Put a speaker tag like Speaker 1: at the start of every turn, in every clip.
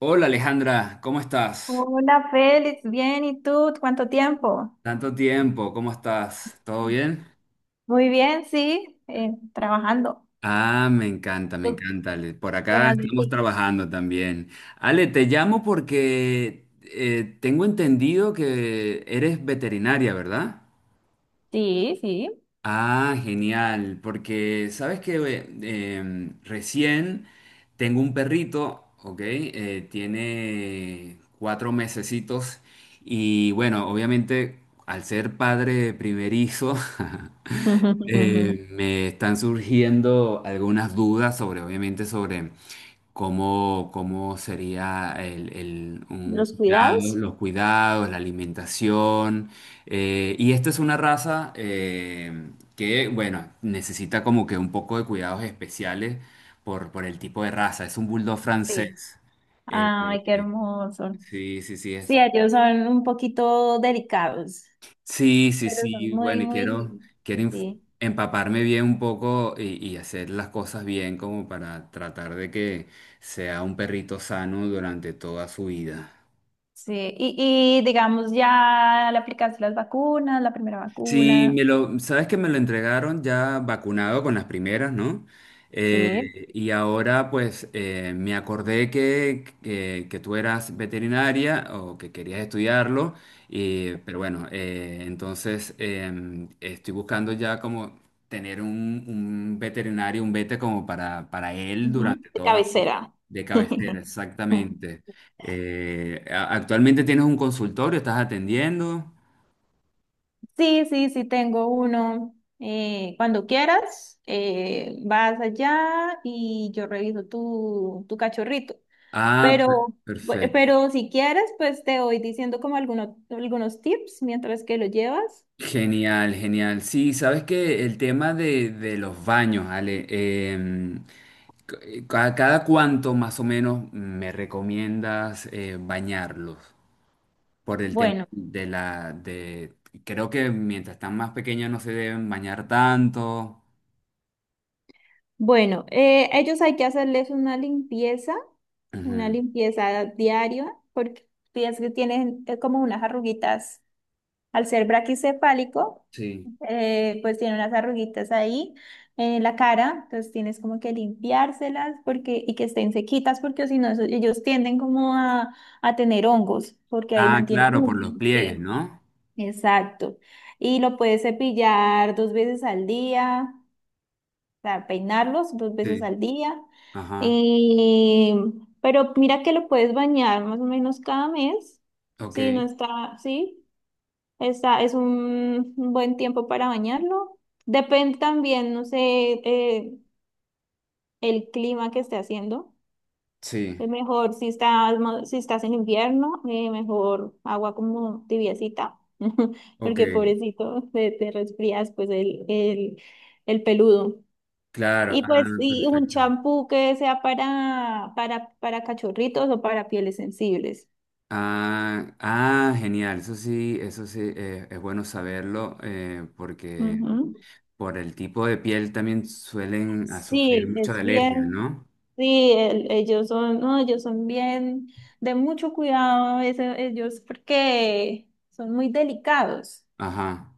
Speaker 1: Hola Alejandra, ¿cómo estás?
Speaker 2: Hola Félix, bien, ¿y tú? ¿Cuánto tiempo?
Speaker 1: Tanto tiempo, ¿cómo estás? ¿Todo bien?
Speaker 2: Muy bien, sí, trabajando.
Speaker 1: Ah, me
Speaker 2: ¿Tú
Speaker 1: encanta, Ale. Por
Speaker 2: qué
Speaker 1: acá
Speaker 2: más de
Speaker 1: estamos
Speaker 2: ti?
Speaker 1: trabajando también. Ale, te llamo porque tengo entendido que eres veterinaria, ¿verdad?
Speaker 2: Sí, sí.
Speaker 1: Ah, genial, porque sabes que recién tengo un perrito, ¿ok? Tiene 4 mesecitos y bueno, obviamente al ser padre primerizo, me están surgiendo algunas dudas sobre, obviamente, sobre cómo sería un
Speaker 2: Los
Speaker 1: cuidado,
Speaker 2: cuidados,
Speaker 1: los cuidados, la alimentación. Y esta es una raza que, bueno, necesita como que un poco de cuidados especiales por el tipo de raza. Es un bulldog
Speaker 2: sí.
Speaker 1: francés. Eh,
Speaker 2: Ay, qué hermoso.
Speaker 1: sí, sí, sí.
Speaker 2: Sí, ellos son un poquito delicados,
Speaker 1: Sí, sí,
Speaker 2: pero son
Speaker 1: sí.
Speaker 2: muy,
Speaker 1: Bueno, y
Speaker 2: muy lindos.
Speaker 1: quiero inf-
Speaker 2: Sí,
Speaker 1: empaparme bien un poco y hacer las cosas bien como para tratar de que sea un perrito sano durante toda su vida.
Speaker 2: sí. Y digamos, ya le aplicaste las vacunas, la primera
Speaker 1: Sí,
Speaker 2: vacuna.
Speaker 1: me lo, sabes que me lo entregaron ya vacunado con las primeras, ¿no?
Speaker 2: Sí.
Speaker 1: Y ahora pues me acordé que tú eras veterinaria o que querías estudiarlo, y, pero bueno, entonces estoy buscando ya como tener un veterinario, un vete como para él
Speaker 2: Ujú.
Speaker 1: durante
Speaker 2: De
Speaker 1: toda su
Speaker 2: cabecera.
Speaker 1: de cabecera, exactamente. Actualmente tienes un consultorio, estás atendiendo.
Speaker 2: Sí, sí, sí, tengo uno. Cuando quieras, vas allá y yo reviso tu cachorrito.
Speaker 1: Ah,
Speaker 2: Pero, bu-
Speaker 1: perfecto.
Speaker 2: pero si quieres, pues te voy diciendo como algunos tips mientras que lo llevas.
Speaker 1: Genial, genial. Sí, sabes que el tema de los baños, Ale, em, cada cuánto más o menos me recomiendas bañarlos por el tema
Speaker 2: Bueno,
Speaker 1: de la de creo que mientras están más pequeños no se deben bañar tanto.
Speaker 2: bueno, ellos hay que hacerles una
Speaker 1: Ujú.
Speaker 2: limpieza diaria, porque piensas que tienen como unas arruguitas al ser braquicefálico.
Speaker 1: Sí.
Speaker 2: Pues tiene unas arruguitas ahí en la cara, entonces tienes como que limpiárselas porque, y que estén sequitas porque si no, ellos tienden como a tener hongos porque ahí
Speaker 1: Ah,
Speaker 2: mantienen
Speaker 1: claro, por los
Speaker 2: húmedo,
Speaker 1: pliegues,
Speaker 2: sí,
Speaker 1: ¿no?
Speaker 2: exacto. Y lo puedes cepillar dos veces al día, o sea, peinarlos dos veces
Speaker 1: Sí.
Speaker 2: al día.
Speaker 1: Ajá.
Speaker 2: Y, pero mira que lo puedes bañar más o menos cada mes, si no
Speaker 1: Ok.
Speaker 2: está, sí. Es un buen tiempo para bañarlo. Depende también, no sé, eh, el clima que esté haciendo.
Speaker 1: Sí.
Speaker 2: Es mejor si estás en invierno, mejor agua como tibiecita,
Speaker 1: Ok.
Speaker 2: porque pobrecito, te resfrías pues el peludo.
Speaker 1: Claro.
Speaker 2: Y
Speaker 1: Ah,
Speaker 2: pues y un
Speaker 1: perfecto.
Speaker 2: champú que sea para cachorritos o para pieles sensibles.
Speaker 1: Ah, ah, genial, eso sí, es bueno saberlo porque
Speaker 2: Ujú.
Speaker 1: por el tipo de piel también suelen a sufrir
Speaker 2: Sí,
Speaker 1: mucho
Speaker 2: es
Speaker 1: de alergia,
Speaker 2: bien.
Speaker 1: ¿no?
Speaker 2: Sí, ellos son, no, ellos son bien de mucho cuidado, a veces ellos porque son muy delicados.
Speaker 1: Ajá.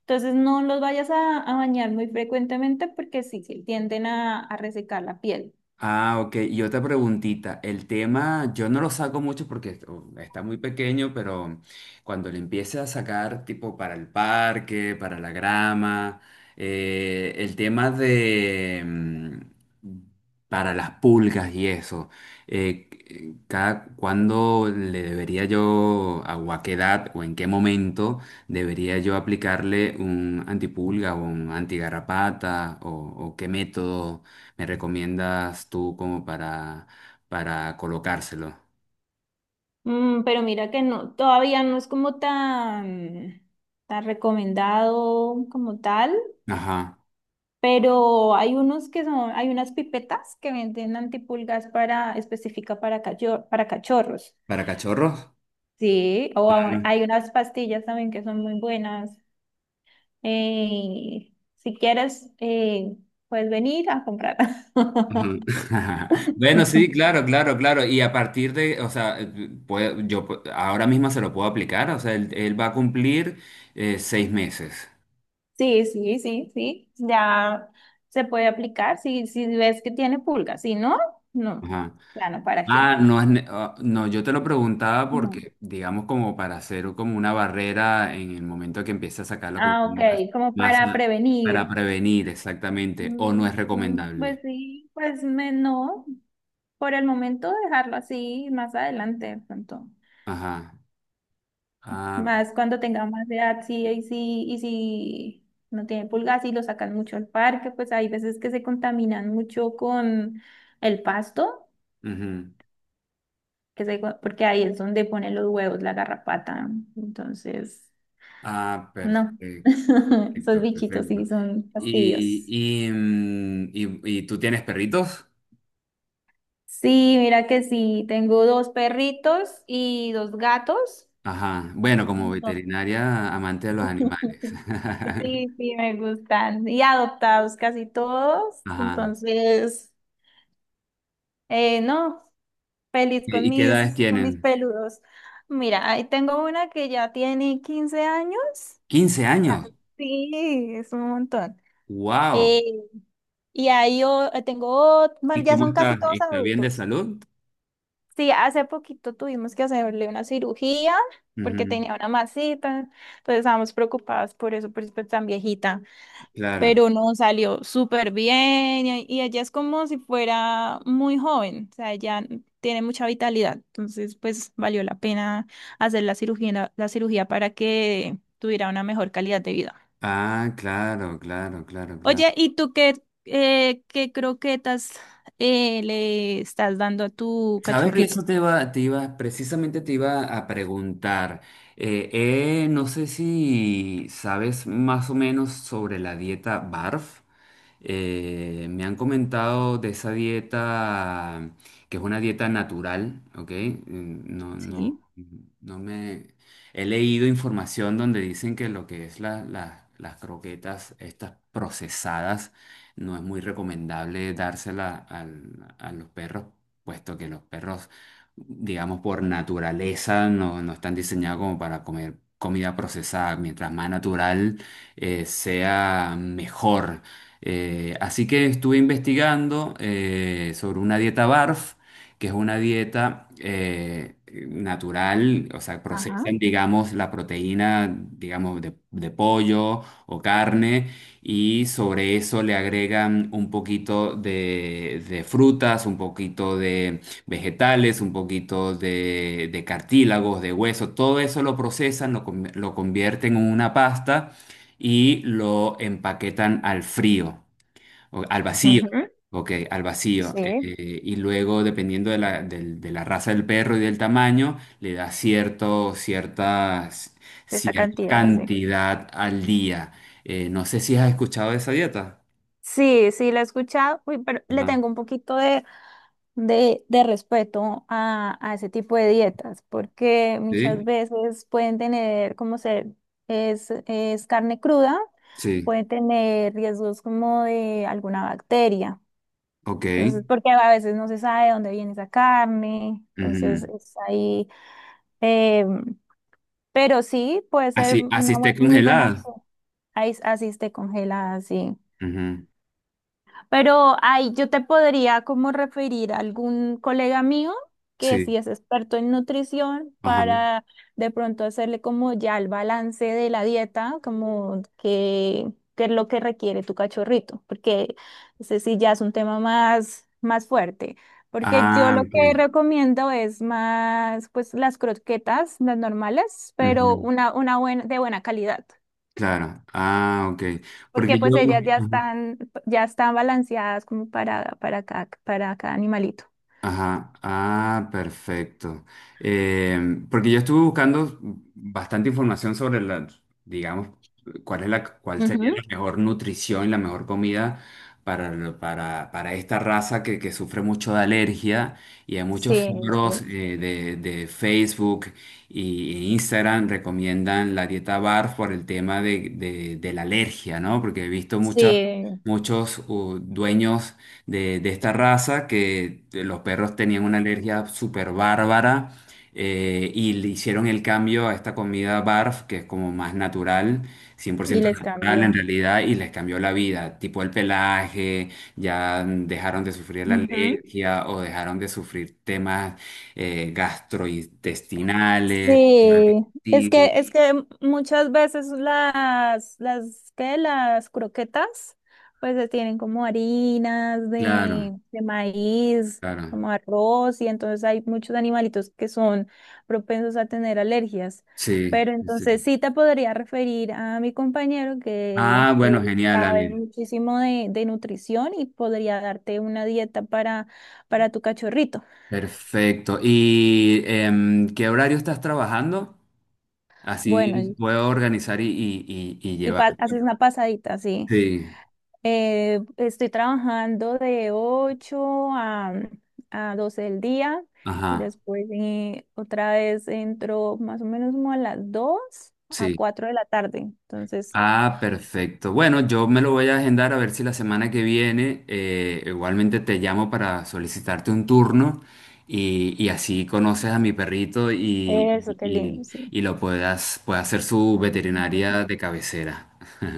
Speaker 2: Entonces no los vayas a bañar muy frecuentemente porque sí tienden a resecar la piel.
Speaker 1: Ah, ok. Y otra preguntita. El tema, yo no lo saco mucho porque oh, está muy pequeño, pero cuando le empiece a sacar, tipo para el parque, para la grama, el tema de para las pulgas y eso, cada cuándo le debería yo, a, o a qué edad o en qué momento debería yo aplicarle un antipulga o un antigarrapata o qué método me recomiendas tú como ¿para colocárselo?
Speaker 2: Mm, pero mira que no, todavía no es como tan recomendado como tal,
Speaker 1: Ajá.
Speaker 2: pero hay unas pipetas que venden antipulgas específica para cachorros.
Speaker 1: ¿Para cachorros?
Speaker 2: Sí, o
Speaker 1: Ajá.
Speaker 2: hay unas pastillas también que son muy buenas. Eh, si quieres, puedes venir a comprarlas.
Speaker 1: Bueno, sí, claro, claro, claro. Y a partir de, o sea, ahora mismo se lo puedo aplicar, o sea, él va a cumplir 6 meses.
Speaker 2: Sí, sí, sí, sí. Ya se puede aplicar si ves que tiene pulgas. Si no, no.
Speaker 1: Ajá.
Speaker 2: Claro, ¿para qué
Speaker 1: Ah,
Speaker 2: no?
Speaker 1: ah, no, yo te lo preguntaba
Speaker 2: No.
Speaker 1: porque, digamos, como para hacer como una barrera en el momento que empiece a sacarlo como
Speaker 2: Ah, ok, como
Speaker 1: más,
Speaker 2: para
Speaker 1: eh,
Speaker 2: prevenir.
Speaker 1: para prevenir exactamente, o no es
Speaker 2: Pues
Speaker 1: recomendable.
Speaker 2: sí, no. Por el momento dejarlo así, más adelante de pronto.
Speaker 1: Ajá. Ah,
Speaker 2: Más cuando tenga más edad, sí, y si no tiene pulgas y lo sacan mucho al parque, pues hay veces que se contaminan mucho con el pasto,
Speaker 1: ujú.
Speaker 2: porque ahí es donde ponen los huevos, la garrapata. Entonces,
Speaker 1: Ah,
Speaker 2: no.
Speaker 1: perfecto,
Speaker 2: Esos
Speaker 1: perfecto,
Speaker 2: bichitos
Speaker 1: perfecto.
Speaker 2: sí son fastidios.
Speaker 1: Y, ¿y tú tienes perritos?
Speaker 2: Sí, mira que sí, tengo dos perritos y dos gatos.
Speaker 1: Ajá. Bueno, como
Speaker 2: Entonces,
Speaker 1: veterinaria, amante de los animales.
Speaker 2: sí, sí, me gustan. Y adoptados casi todos.
Speaker 1: Ajá.
Speaker 2: Entonces. No, feliz con
Speaker 1: Y qué edades
Speaker 2: mis, con mis
Speaker 1: tienen?
Speaker 2: peludos. Mira, ahí tengo una que ya tiene 15 años.
Speaker 1: 15 años.
Speaker 2: Sí, es un montón.
Speaker 1: ¡Wow!
Speaker 2: Eh, tengo, bueno,
Speaker 1: ¿Y
Speaker 2: ya
Speaker 1: cómo
Speaker 2: son casi
Speaker 1: está?
Speaker 2: todos
Speaker 1: ¿Está bien de
Speaker 2: adultos.
Speaker 1: salud?
Speaker 2: Sí, hace poquito tuvimos que hacerle una cirugía porque
Speaker 1: Ujú.
Speaker 2: tenía una masita, entonces estábamos preocupadas por eso es tan viejita.
Speaker 1: Claro.
Speaker 2: Pero no salió súper bien y ella es como si fuera muy joven, o sea, ella tiene mucha vitalidad, entonces pues valió la pena hacer la cirugía para que tuviera una mejor calidad de vida.
Speaker 1: Ah, claro, claro, claro, claro.
Speaker 2: Oye, ¿y tú qué croquetas le estás dando a tu
Speaker 1: Sabes que
Speaker 2: cachorrito?
Speaker 1: eso precisamente te iba a preguntar. No sé si sabes más o menos sobre la dieta BARF. Me han comentado de esa dieta que es una dieta natural, ¿ok? Mm, no, no,
Speaker 2: Sí,
Speaker 1: no me he leído información donde dicen que lo que es las croquetas, estas procesadas, no es muy recomendable dársela a los perros puesto que los perros, digamos, por naturaleza no están diseñados como para comer comida procesada. Mientras más natural sea, mejor. Así que estuve investigando sobre una dieta BARF, que es una dieta natural, o sea,
Speaker 2: ajá,
Speaker 1: procesan, digamos, la proteína, digamos, de pollo o carne y sobre eso le agregan un poquito de frutas, un poquito de vegetales, un poquito de cartílagos, de hueso, todo eso lo procesan, lo convierten en una pasta y lo empaquetan al frío. Al vacío.
Speaker 2: ujú,
Speaker 1: Ok, al vacío.
Speaker 2: sí.
Speaker 1: Y luego, dependiendo de de la raza del perro y del tamaño, le da
Speaker 2: De esa
Speaker 1: cierta
Speaker 2: cantidad, sí.
Speaker 1: cantidad al día. No sé si has escuchado de esa dieta.
Speaker 2: Sí, sí, la he escuchado. Uy, pero le
Speaker 1: Ajá.
Speaker 2: tengo un poquito de de respeto a ese tipo de dietas, porque muchas
Speaker 1: ¿Sí?
Speaker 2: veces pueden tener, como se es carne cruda,
Speaker 1: Sí.
Speaker 2: puede tener riesgos como de alguna bacteria.
Speaker 1: Ok.
Speaker 2: Entonces, porque a veces no se sabe de dónde viene esa carne, entonces
Speaker 1: Ujú.
Speaker 2: es ahí, em, pero sí puede ser
Speaker 1: Así, así
Speaker 2: una
Speaker 1: esté
Speaker 2: muy buena
Speaker 1: congelada.
Speaker 2: opción. Ahí, así esté congelada, sí.
Speaker 1: Ujú.
Speaker 2: Pero ahí yo te podría como referir a algún colega mío que
Speaker 1: Sí.
Speaker 2: sí es experto en nutrición
Speaker 1: Ajá.
Speaker 2: para de pronto hacerle como ya el balance de la dieta, como que es lo que requiere tu cachorrito, porque ese sí ya es un tema más fuerte. Porque yo
Speaker 1: Ah,
Speaker 2: lo que
Speaker 1: ok.
Speaker 2: recomiendo es más, pues las croquetas, las normales, pero
Speaker 1: Ujú.
Speaker 2: una buena, de buena calidad.
Speaker 1: Claro. Ah, ok.
Speaker 2: Porque
Speaker 1: Porque yo.
Speaker 2: pues ellas ya
Speaker 1: Ujú.
Speaker 2: están, ya están balanceadas como para cada animalito.
Speaker 1: Ajá, ah, perfecto. Porque yo estuve buscando bastante información sobre la, digamos, cuál sería
Speaker 2: Ujú.
Speaker 1: la mejor nutrición y la mejor comida para, para esta raza que sufre mucho de alergia y hay muchos
Speaker 2: Sí,
Speaker 1: foros
Speaker 2: sí,
Speaker 1: de Facebook e Instagram recomiendan la dieta BARF por el tema de la alergia, ¿no? Porque he visto
Speaker 2: sí,
Speaker 1: muchos dueños de esta raza que los perros tenían una alergia súper bárbara y le hicieron el cambio a esta comida barf, que es como más natural, cien por
Speaker 2: y
Speaker 1: ciento
Speaker 2: les
Speaker 1: natural en
Speaker 2: cambió.
Speaker 1: realidad, y les cambió la vida, tipo el pelaje, ya dejaron de sufrir la
Speaker 2: Ujú.
Speaker 1: alergia o dejaron de sufrir temas gastrointestinales.
Speaker 2: Sí, es
Speaker 1: Sí,
Speaker 2: que, es que muchas veces ¿qué? Las croquetas, pues se tienen como harinas
Speaker 1: claro,
Speaker 2: de maíz,
Speaker 1: claro,
Speaker 2: como arroz, y entonces hay muchos animalitos que son propensos a tener alergias.
Speaker 1: sí,
Speaker 2: Pero entonces
Speaker 1: sí.
Speaker 2: sí te podría referir a mi compañero que
Speaker 1: Ah, bueno, genial,
Speaker 2: sabe
Speaker 1: Ale.
Speaker 2: muchísimo de nutrición y podría darte una dieta para tu cachorrito.
Speaker 1: Perfecto. ¿Y qué horario estás trabajando?
Speaker 2: Bueno,
Speaker 1: Así puedo organizar y llevar.
Speaker 2: haces una pasadita, sí.
Speaker 1: Sí,
Speaker 2: Estoy trabajando de 8 a 12 del día y
Speaker 1: ajá,
Speaker 2: después otra vez entro más o menos como a las 2 a
Speaker 1: sí.
Speaker 2: 4 de la tarde. Entonces,
Speaker 1: Ah, perfecto. Bueno, yo me lo voy a agendar a ver si la semana que viene igualmente te llamo para solicitarte un turno y así conoces a mi perrito
Speaker 2: eso, qué lindo, sí.
Speaker 1: y lo pueda hacer su veterinaria de cabecera.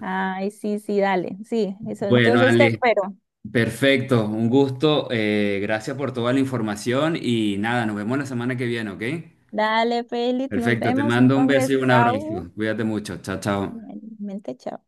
Speaker 2: Ay, sí, sí, dale, sí, eso.
Speaker 1: Bueno,
Speaker 2: Entonces te
Speaker 1: Ale.
Speaker 2: espero.
Speaker 1: Perfecto, un gusto. Eh, gracias por toda la información y nada, nos vemos la semana que viene, ¿ok?
Speaker 2: Dale, Félix, nos
Speaker 1: Perfecto, te
Speaker 2: vemos.
Speaker 1: mando un beso
Speaker 2: Entonces,
Speaker 1: y un
Speaker 2: chao.
Speaker 1: abrazo. Cuídate mucho. Chao, chao.
Speaker 2: Realmente, chao.